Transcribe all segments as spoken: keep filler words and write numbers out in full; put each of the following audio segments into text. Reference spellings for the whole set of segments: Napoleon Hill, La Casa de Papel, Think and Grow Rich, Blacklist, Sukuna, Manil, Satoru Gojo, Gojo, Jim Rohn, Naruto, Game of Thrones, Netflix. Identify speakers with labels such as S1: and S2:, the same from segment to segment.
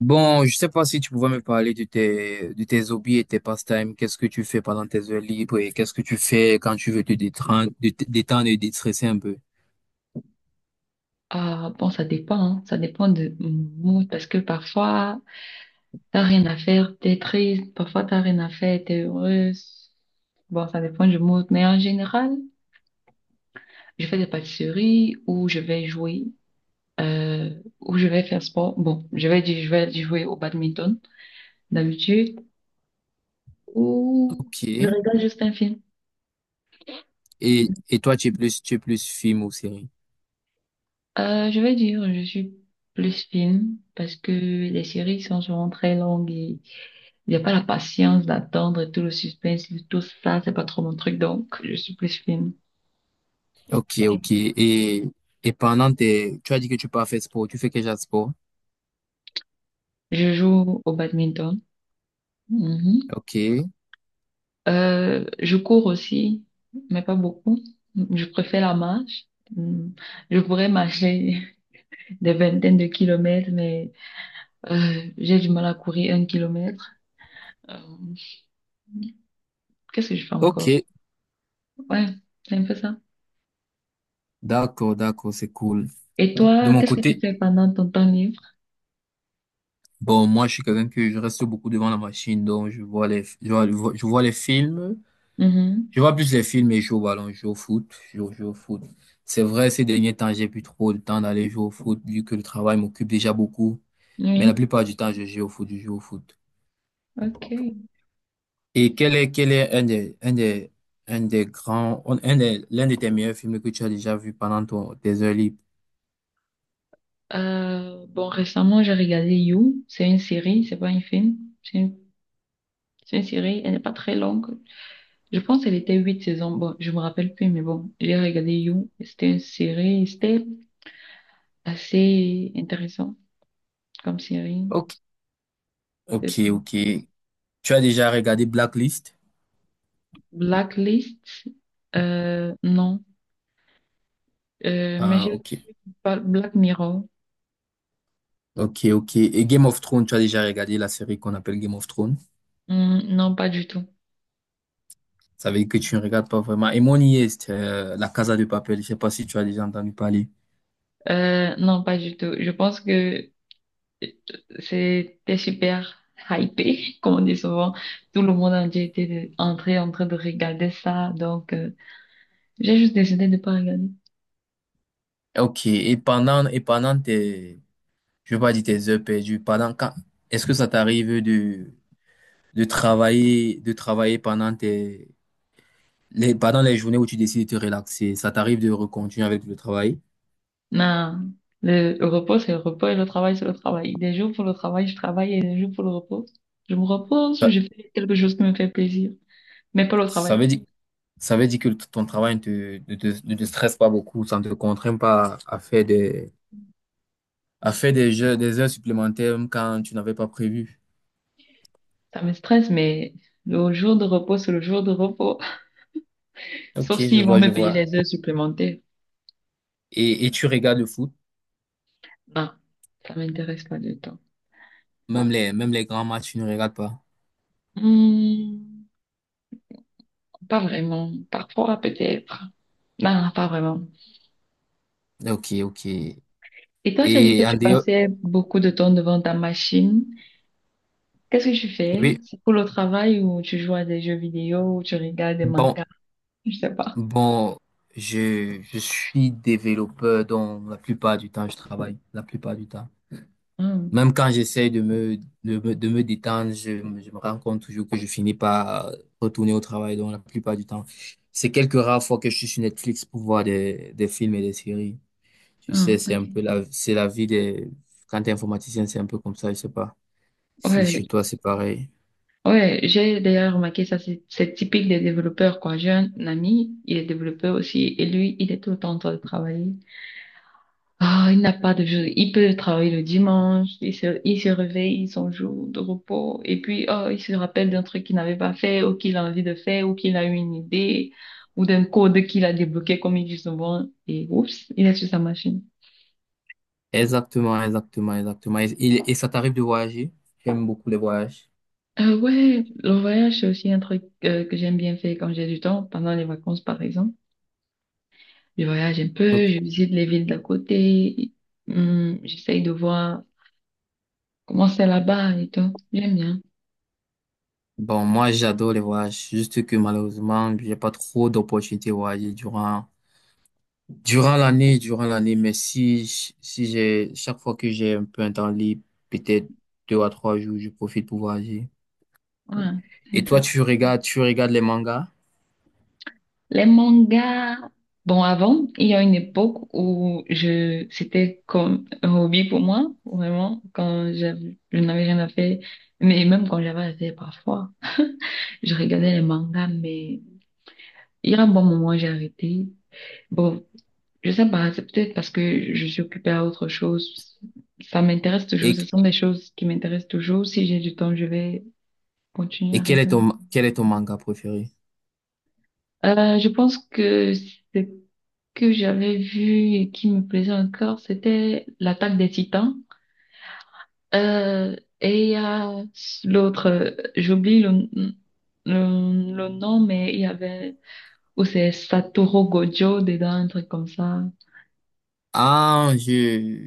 S1: Bon, je sais pas si tu pouvais me parler de tes, de tes hobbies et tes pastimes. Qu'est-ce que tu fais pendant tes heures libres et qu'est-ce que tu fais quand tu veux te détendre, te te détendre et déstresser un peu?
S2: Ah, bon, ça dépend, hein. Ça dépend de mon mood parce que parfois, t'as rien à faire, t'es triste, parfois t'as rien à faire, t'es heureuse. Bon, ça dépend du mood, mais en général, je fais des pâtisseries ou je vais jouer, euh, ou je vais faire sport. Bon, je vais, dire- je vais jouer au badminton d'habitude ou
S1: Ok.
S2: je regarde juste un film.
S1: Et, et toi, tu es plus, tu es plus film ou série?
S2: Euh, je vais dire, je suis plus film parce que les séries sont souvent très longues et il n'y a pas la patience d'attendre tout le suspense, tout ça, c'est pas trop mon truc, donc je suis plus fine.
S1: Ok, ok. Et, et pendant tes, tu as dit que tu peux pas faire sport. Tu fais quel genre de sport?
S2: Je joue au badminton. Mhm.
S1: Ok.
S2: Euh, je cours aussi, mais pas beaucoup. Je préfère la marche. Mm. Je pourrais marcher des vingtaines de kilomètres, mais euh, j'ai du mal à courir un kilomètre. Euh, qu'est-ce que je fais
S1: Ok.
S2: encore? Ouais, c'est un peu ça.
S1: D'accord, d'accord, c'est cool.
S2: Et
S1: De
S2: toi,
S1: mon
S2: qu'est-ce que tu
S1: côté,
S2: fais pendant ton temps libre?
S1: bon, moi, je suis quelqu'un que je reste beaucoup devant la machine, donc je vois les, je vois, je vois je vois les films,
S2: Mhm.
S1: je vois plus les films et je joue au ballon, je joue au foot, je joue, je joue au foot. C'est vrai, ces derniers temps, j'ai plus trop le temps d'aller jouer au foot, vu que le travail m'occupe déjà beaucoup, mais la
S2: Oui,
S1: plupart du temps, je joue au foot, je joue au foot.
S2: ok.
S1: Et quel est, quel est un des, un des, un des grands, un des, l'un de tes meilleurs films que tu as déjà vu pendant ton, tes heures libres?
S2: Euh, bon, récemment, j'ai regardé You. C'est une série, c'est pas un film. C'est une, c'est une série, elle n'est pas très longue. Je pense qu'elle était huit saisons. Bon, je me rappelle plus, mais bon, j'ai regardé You. C'était une série, c'était assez intéressant comme série.
S1: Ok,
S2: C'est-
S1: ok, ok. Tu as déjà regardé Blacklist?
S2: Blacklist, euh, non. Euh, mais
S1: Ah,
S2: je
S1: ok.
S2: parle Black Mirror.
S1: Ok, ok. Et Game of Thrones, tu as déjà regardé la série qu'on appelle Game of Thrones?
S2: Hmm, non, pas du tout.
S1: Ça veut dire que tu ne regardes pas vraiment. Et mon I A, c'est euh, La Casa de Papel. Je sais pas si tu as déjà entendu parler.
S2: Euh, non, pas du tout. Je pense que c'était super hypé, comme on dit souvent. Tout le monde entier était de- entré en train de regarder ça. Donc, euh, j'ai juste décidé de ne pas regarder.
S1: Ok. Et pendant, et pendant tes, je veux pas dire tes heures perdues, pendant quand, est-ce que ça t'arrive de, de travailler, de travailler pendant tes, les, pendant les journées où tu décides de te relaxer? Ça t'arrive de recontinuer avec le travail?
S2: Non, le le repos, c'est le repos et le travail, c'est le travail. Des jours pour le travail, je travaille et des jours pour le repos, je me repose ou
S1: Ça,
S2: je fais quelque chose qui me fait plaisir, mais pas le
S1: ça
S2: travail.
S1: veut dire, ça veut dire que ton travail ne te, ne te, ne te stresse pas beaucoup, ça ne te contraint pas à faire des, à faire des jeux, des heures supplémentaires même quand tu n'avais pas prévu.
S2: Ça me stresse, mais le jour de repos, c'est le jour de repos.
S1: Ok,
S2: Sauf
S1: je
S2: s'ils vont
S1: vois,
S2: me
S1: je
S2: payer
S1: vois.
S2: les heures supplémentaires.
S1: Et, et tu regardes le foot,
S2: Non, ça m'intéresse pas du tout.
S1: même les, même les grands matchs, tu ne regardes pas.
S2: Hmm, pas vraiment. Parfois, peut-être. Non, pas vraiment.
S1: Ok, ok.
S2: Et toi, tu as dit que
S1: Et en
S2: tu
S1: dehors,
S2: passais beaucoup de temps devant ta machine. Qu'est-ce que tu fais?
S1: oui,
S2: C'est pour le travail ou tu joues à des jeux vidéo ou tu regardes des
S1: bon,
S2: mangas? Je sais pas.
S1: bon, je, je suis développeur, donc la plupart du temps, je travaille, la plupart du temps.
S2: Hmm,
S1: Même quand j'essaye de me, de me, de me détendre, je, je me rends compte toujours que je finis par retourner au travail, donc la plupart du temps. C'est quelques rares fois que je suis sur Netflix pour voir des, des films et des séries. Tu sais,
S2: hmm,
S1: c'est un peu
S2: ok.
S1: la, c'est la vie des, quand t'es informaticien, c'est un peu comme ça, je sais pas. Si chez
S2: Ouais,
S1: toi, c'est pareil.
S2: ouais, j'ai d'ailleurs remarqué ça, c'est c'est typique des développeurs, quoi. J'ai un ami, il est développeur aussi, et lui, il est tout le temps en train de travailler. Ah, il n'a pas de jour. Il peut travailler le dimanche, il se, il se réveille, son jour de repos, et puis oh, il se rappelle d'un truc qu'il n'avait pas fait, ou qu'il a envie de faire, ou qu'il a eu une idée, ou d'un code qu'il a débloqué, comme il dit souvent, et oups, il est sur sa machine.
S1: Exactement, exactement, exactement. Et, et- et ça t'arrive de voyager? J'aime beaucoup les voyages.
S2: Euh, ouais, le voyage, c'est aussi un truc euh, que j'aime bien faire quand j'ai du temps, pendant les vacances, par exemple. Je voyage un
S1: Donc,
S2: peu, je visite les villes d'à côté, hum, j'essaye de voir comment c'est là-bas et tout. J'aime bien.
S1: bon, moi, j'adore les voyages. Juste que malheureusement, j'ai pas trop d'opportunités de voyager durant, durant l'année, durant l'année. Mais si, j- si j'ai, chaque fois que j'ai un peu un temps libre, peut-être deux à trois jours, je profite pour voyager.
S2: Ouais, c'est
S1: Et toi,
S2: intéressant.
S1: tu regardes, tu regardes les mangas?
S2: Les mangas, bon, avant, il y a une époque où je, c'était comme un hobby pour moi, vraiment, quand j'avais- je n'avais rien à faire, mais même quand j'avais à faire parfois, je regardais les mangas, mais il y a un bon moment, j'ai arrêté. Bon, je sais pas, c'est peut-être parce que je suis occupée à autre chose. Ça m'intéresse toujours,
S1: Et,
S2: ce sont des choses qui m'intéressent toujours. Si j'ai du temps, je vais continuer
S1: et
S2: à
S1: quel est
S2: regarder.
S1: ton, quel est ton manga préféré?
S2: Euh, je pense que c'est que j'avais vu et qui me plaisait encore, c'était l'attaque des Titans. Euh, et il y a l'autre, euh, j'oublie le, le, le nom, mais il y avait, ou c'est Satoru Gojo dedans, un truc comme ça.
S1: Ah, je,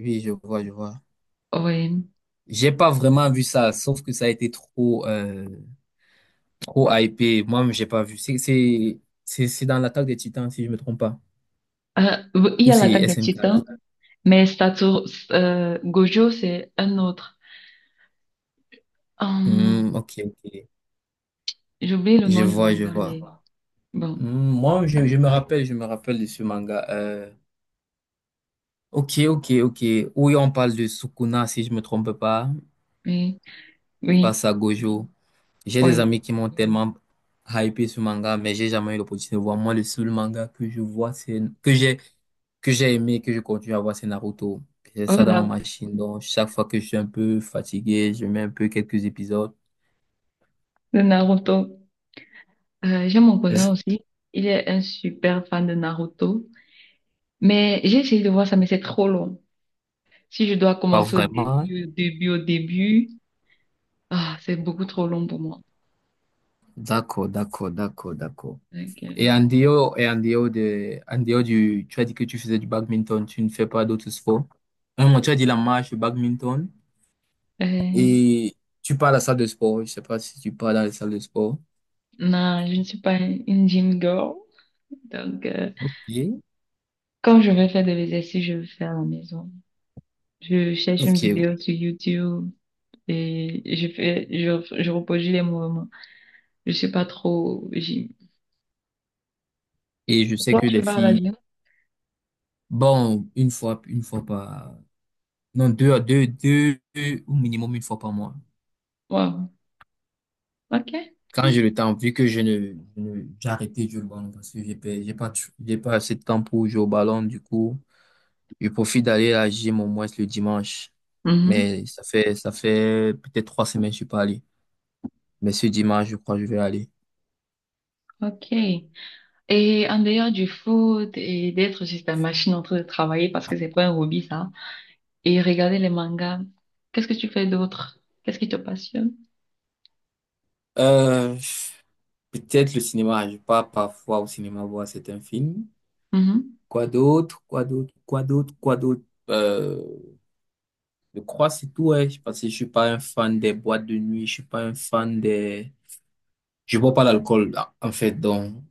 S1: oui, je vois, je vois.
S2: Oui.
S1: J'ai pas vraiment vu ça, sauf que ça a été trop, euh, trop hypé. Moi-même, j'ai pas vu. C'est, c'est, c'est c'est dans l'attaque des Titans, si je me trompe pas.
S2: Euh, il y
S1: Ou
S2: a
S1: c'est
S2: l'attaque des
S1: S N K.
S2: Titans, mais Satoru, euh, Gojo, c'est un autre.
S1: Hmm,
S2: Hum,
S1: ok, ok.
S2: j'oublie le
S1: Je
S2: nom du
S1: vois, je
S2: manga,
S1: vois.
S2: mais
S1: Hmm,
S2: bon.
S1: moi, je, je me rappelle, je me rappelle de ce manga. Euh, ok, ok, ok. Oui, on parle de Sukuna, si je me trompe pas,
S2: Oui, oui,
S1: face à Gojo. J'ai des
S2: oui.
S1: amis qui m'ont tellement hypé sur manga, mais j'ai jamais eu l'opportunité de voir. Moi, le seul manga que je vois, c'est que j'ai que j'ai aimé, que je continue à voir, c'est Naruto. J'ai ça dans ma
S2: Voilà,
S1: machine. Donc, chaque fois que je suis un peu fatigué, je mets un peu quelques épisodes.
S2: le Naruto. Euh, j'ai mon cousin
S1: Est-ce-
S2: aussi. Il est un super fan de Naruto. Mais j'ai essayé de voir ça, mais c'est trop long. Si je dois
S1: Pas
S2: commencer au
S1: vraiment.
S2: début, au début, au début, ah, c'est beaucoup trop long pour moi.
S1: D'accord, d'accord, d'accord, d'accord.
S2: Donc, euh,
S1: Et en dehors, et en dehors de, en dehors du, tu as dit que tu faisais du badminton, tu ne fais pas d'autres sports. Un moment, tu as dit la marche, le badminton,
S2: euh,
S1: et tu pars à la salle de sport. Je sais pas si tu pars dans la salle de sport.
S2: non, je ne suis pas une gym girl. Donc, euh,
S1: Ok,
S2: quand je vais faire de l'exercice, je le fais à la maison. Je cherche une
S1: ok.
S2: vidéo sur YouTube et je fais, je, je reproduis les mouvements. Je suis pas trop gym.
S1: Et je sais
S2: Toi,
S1: que
S2: tu
S1: les
S2: vas à la
S1: filles,
S2: gym?
S1: bon, une fois, une fois par, non, deux à deux, deux, deux au minimum une fois par mois.
S2: Wow. OK.
S1: Quand j'ai le temps, vu que je ne, je ne- j'ai arrêté de jouer au ballon parce que j'ai pas, j'ai pas, tr- j'ai pas assez de temps pour jouer au ballon, du coup, je profite d'aller à la gym au moins le dimanche.
S2: Mhm.
S1: Mais ça fait, ça fait peut-être trois semaines que je suis pas allé. Mais ce dimanche, je crois que je vais aller.
S2: OK. Et en dehors du foot et d'être juste la machine en train de travailler parce que c'est pas un hobby ça. Et regarder les mangas. Qu'est-ce que tu fais d'autre? Qu'est-ce qui te passionne?
S1: Euh, peut-être le cinéma, je pars parfois au cinéma voir certains films.
S2: Mhm.
S1: Quoi d'autre? Quoi d'autre? Quoi d'autre? Quoi d'autre? Euh, je crois que c'est tout, ouais. Parce que je suis pas un fan des boîtes de nuit, je suis pas un fan des... Je bois pas l'alcool, là, en fait, donc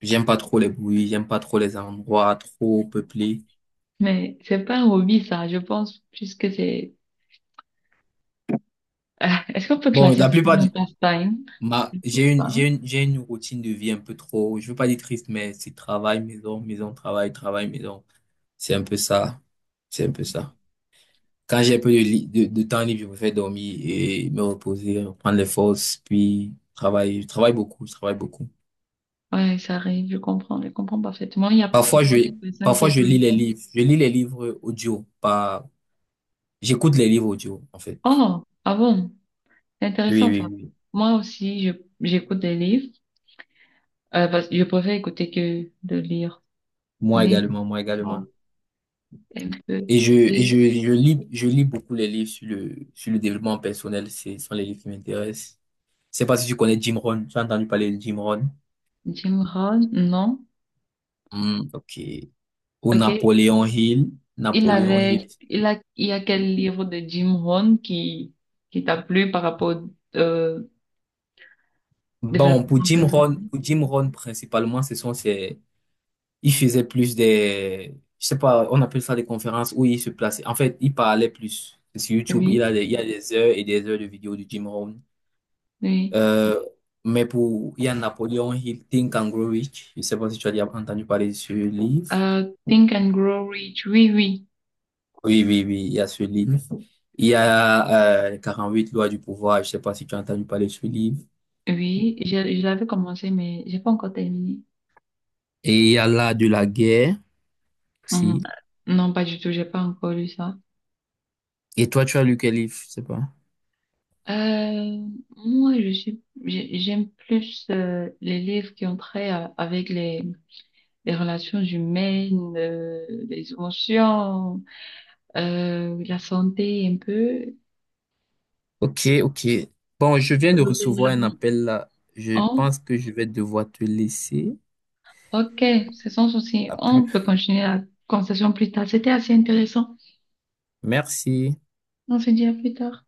S1: j'aime pas trop les bruits, j'aime pas trop les endroits trop peuplés.
S2: Mais c'est pas un hobby ça. Je pense plus que c'est. Ah, est-ce qu'on peut
S1: Bon,
S2: classer ça
S1: la
S2: comme
S1: plupart
S2: un
S1: du...
S2: passe-time?
S1: Ma... J'ai une,
S2: Hein.
S1: j'ai une, j'ai une routine de vie un peu trop... Je veux pas dire triste, mais c'est travail, maison, maison, travail, travail, maison. C'est un peu ça. C'est un peu ça. Quand j'ai un peu de, li- de, de temps libre, je préfère dormir et me reposer, prendre les forces, puis travailler. Je travaille beaucoup, je travaille beaucoup.
S2: Ouais, ça arrive. Je comprends. Je comprends parfaitement. Il y a
S1: Parfois,
S2: beaucoup
S1: je,
S2: de personnes qui
S1: parfois, je lis
S2: sont.
S1: les livres. Je lis les livres audio, pas, j'écoute les livres audio, en fait.
S2: Oh, ah bon? C'est
S1: Oui,
S2: intéressant
S1: oui,
S2: ça.
S1: oui.
S2: Moi aussi, je j'écoute des livres. Euh, parce que je préfère écouter que de lire.
S1: Moi
S2: Mais
S1: également, moi
S2: bon,
S1: également.
S2: un peu.
S1: Et je, et
S2: Et
S1: je, je lis, je lis beaucoup les livres sur le, sur le développement personnel. C'est, ce sont les livres qui m'intéressent. Je sais pas si tu connais Jim Rohn. Tu as entendu parler de Jim Rohn?
S2: Jim Rohn? Non?
S1: Hmm, ok. Ou
S2: Ok.
S1: Napoléon Hill.
S2: Il
S1: Napoléon
S2: avait,
S1: Hill.
S2: il a, il y a quel livre de Jim Rohn qui, qui t'a plu par rapport au euh,
S1: Bon, pour
S2: développement
S1: Jim Rohn,
S2: personnel?
S1: pour Jim Rohn, principalement, ce sont ces, il faisait plus des, je sais pas, on appelle ça des conférences où il se plaçait. En fait, il parlait plus. C'est sur YouTube, il
S2: Oui,
S1: a des, il y a des heures et des heures de vidéos de Jim Rohn.
S2: oui.
S1: Euh, mais pour, il y a Napoleon Hill, Think and Grow Rich. Je sais pas si tu as déjà entendu parler de ce livre.
S2: Euh, Think and Grow Rich. Oui, oui,
S1: Oui, oui, oui, il y a ce livre. Il y a, euh, les quarante-huit lois du pouvoir. Je sais pas si tu as entendu parler de ce livre.
S2: oui. Je, je l'avais commencé, mais j'ai pas encore terminé.
S1: Et il y a là de la guerre,
S2: Hum,
S1: si.
S2: Non, pas du tout. J'ai pas encore lu ça.
S1: Et toi, tu as lu quel livre? Je sais pas.
S2: Euh, moi, je suis, j'ai- j'aime plus euh, les livres qui ont trait à- avec les, les relations humaines, euh, les émotions. Euh, la santé un peu.
S1: Ok, ok. Bon, je viens de
S2: Le
S1: recevoir un
S2: développement.
S1: appel là. Je
S2: Oh,
S1: pense que je vais devoir te laisser.
S2: ok, c'est sans souci.
S1: À plus.
S2: On peut continuer la conversation plus tard. C'était assez intéressant.
S1: Merci.
S2: On se dit à plus tard.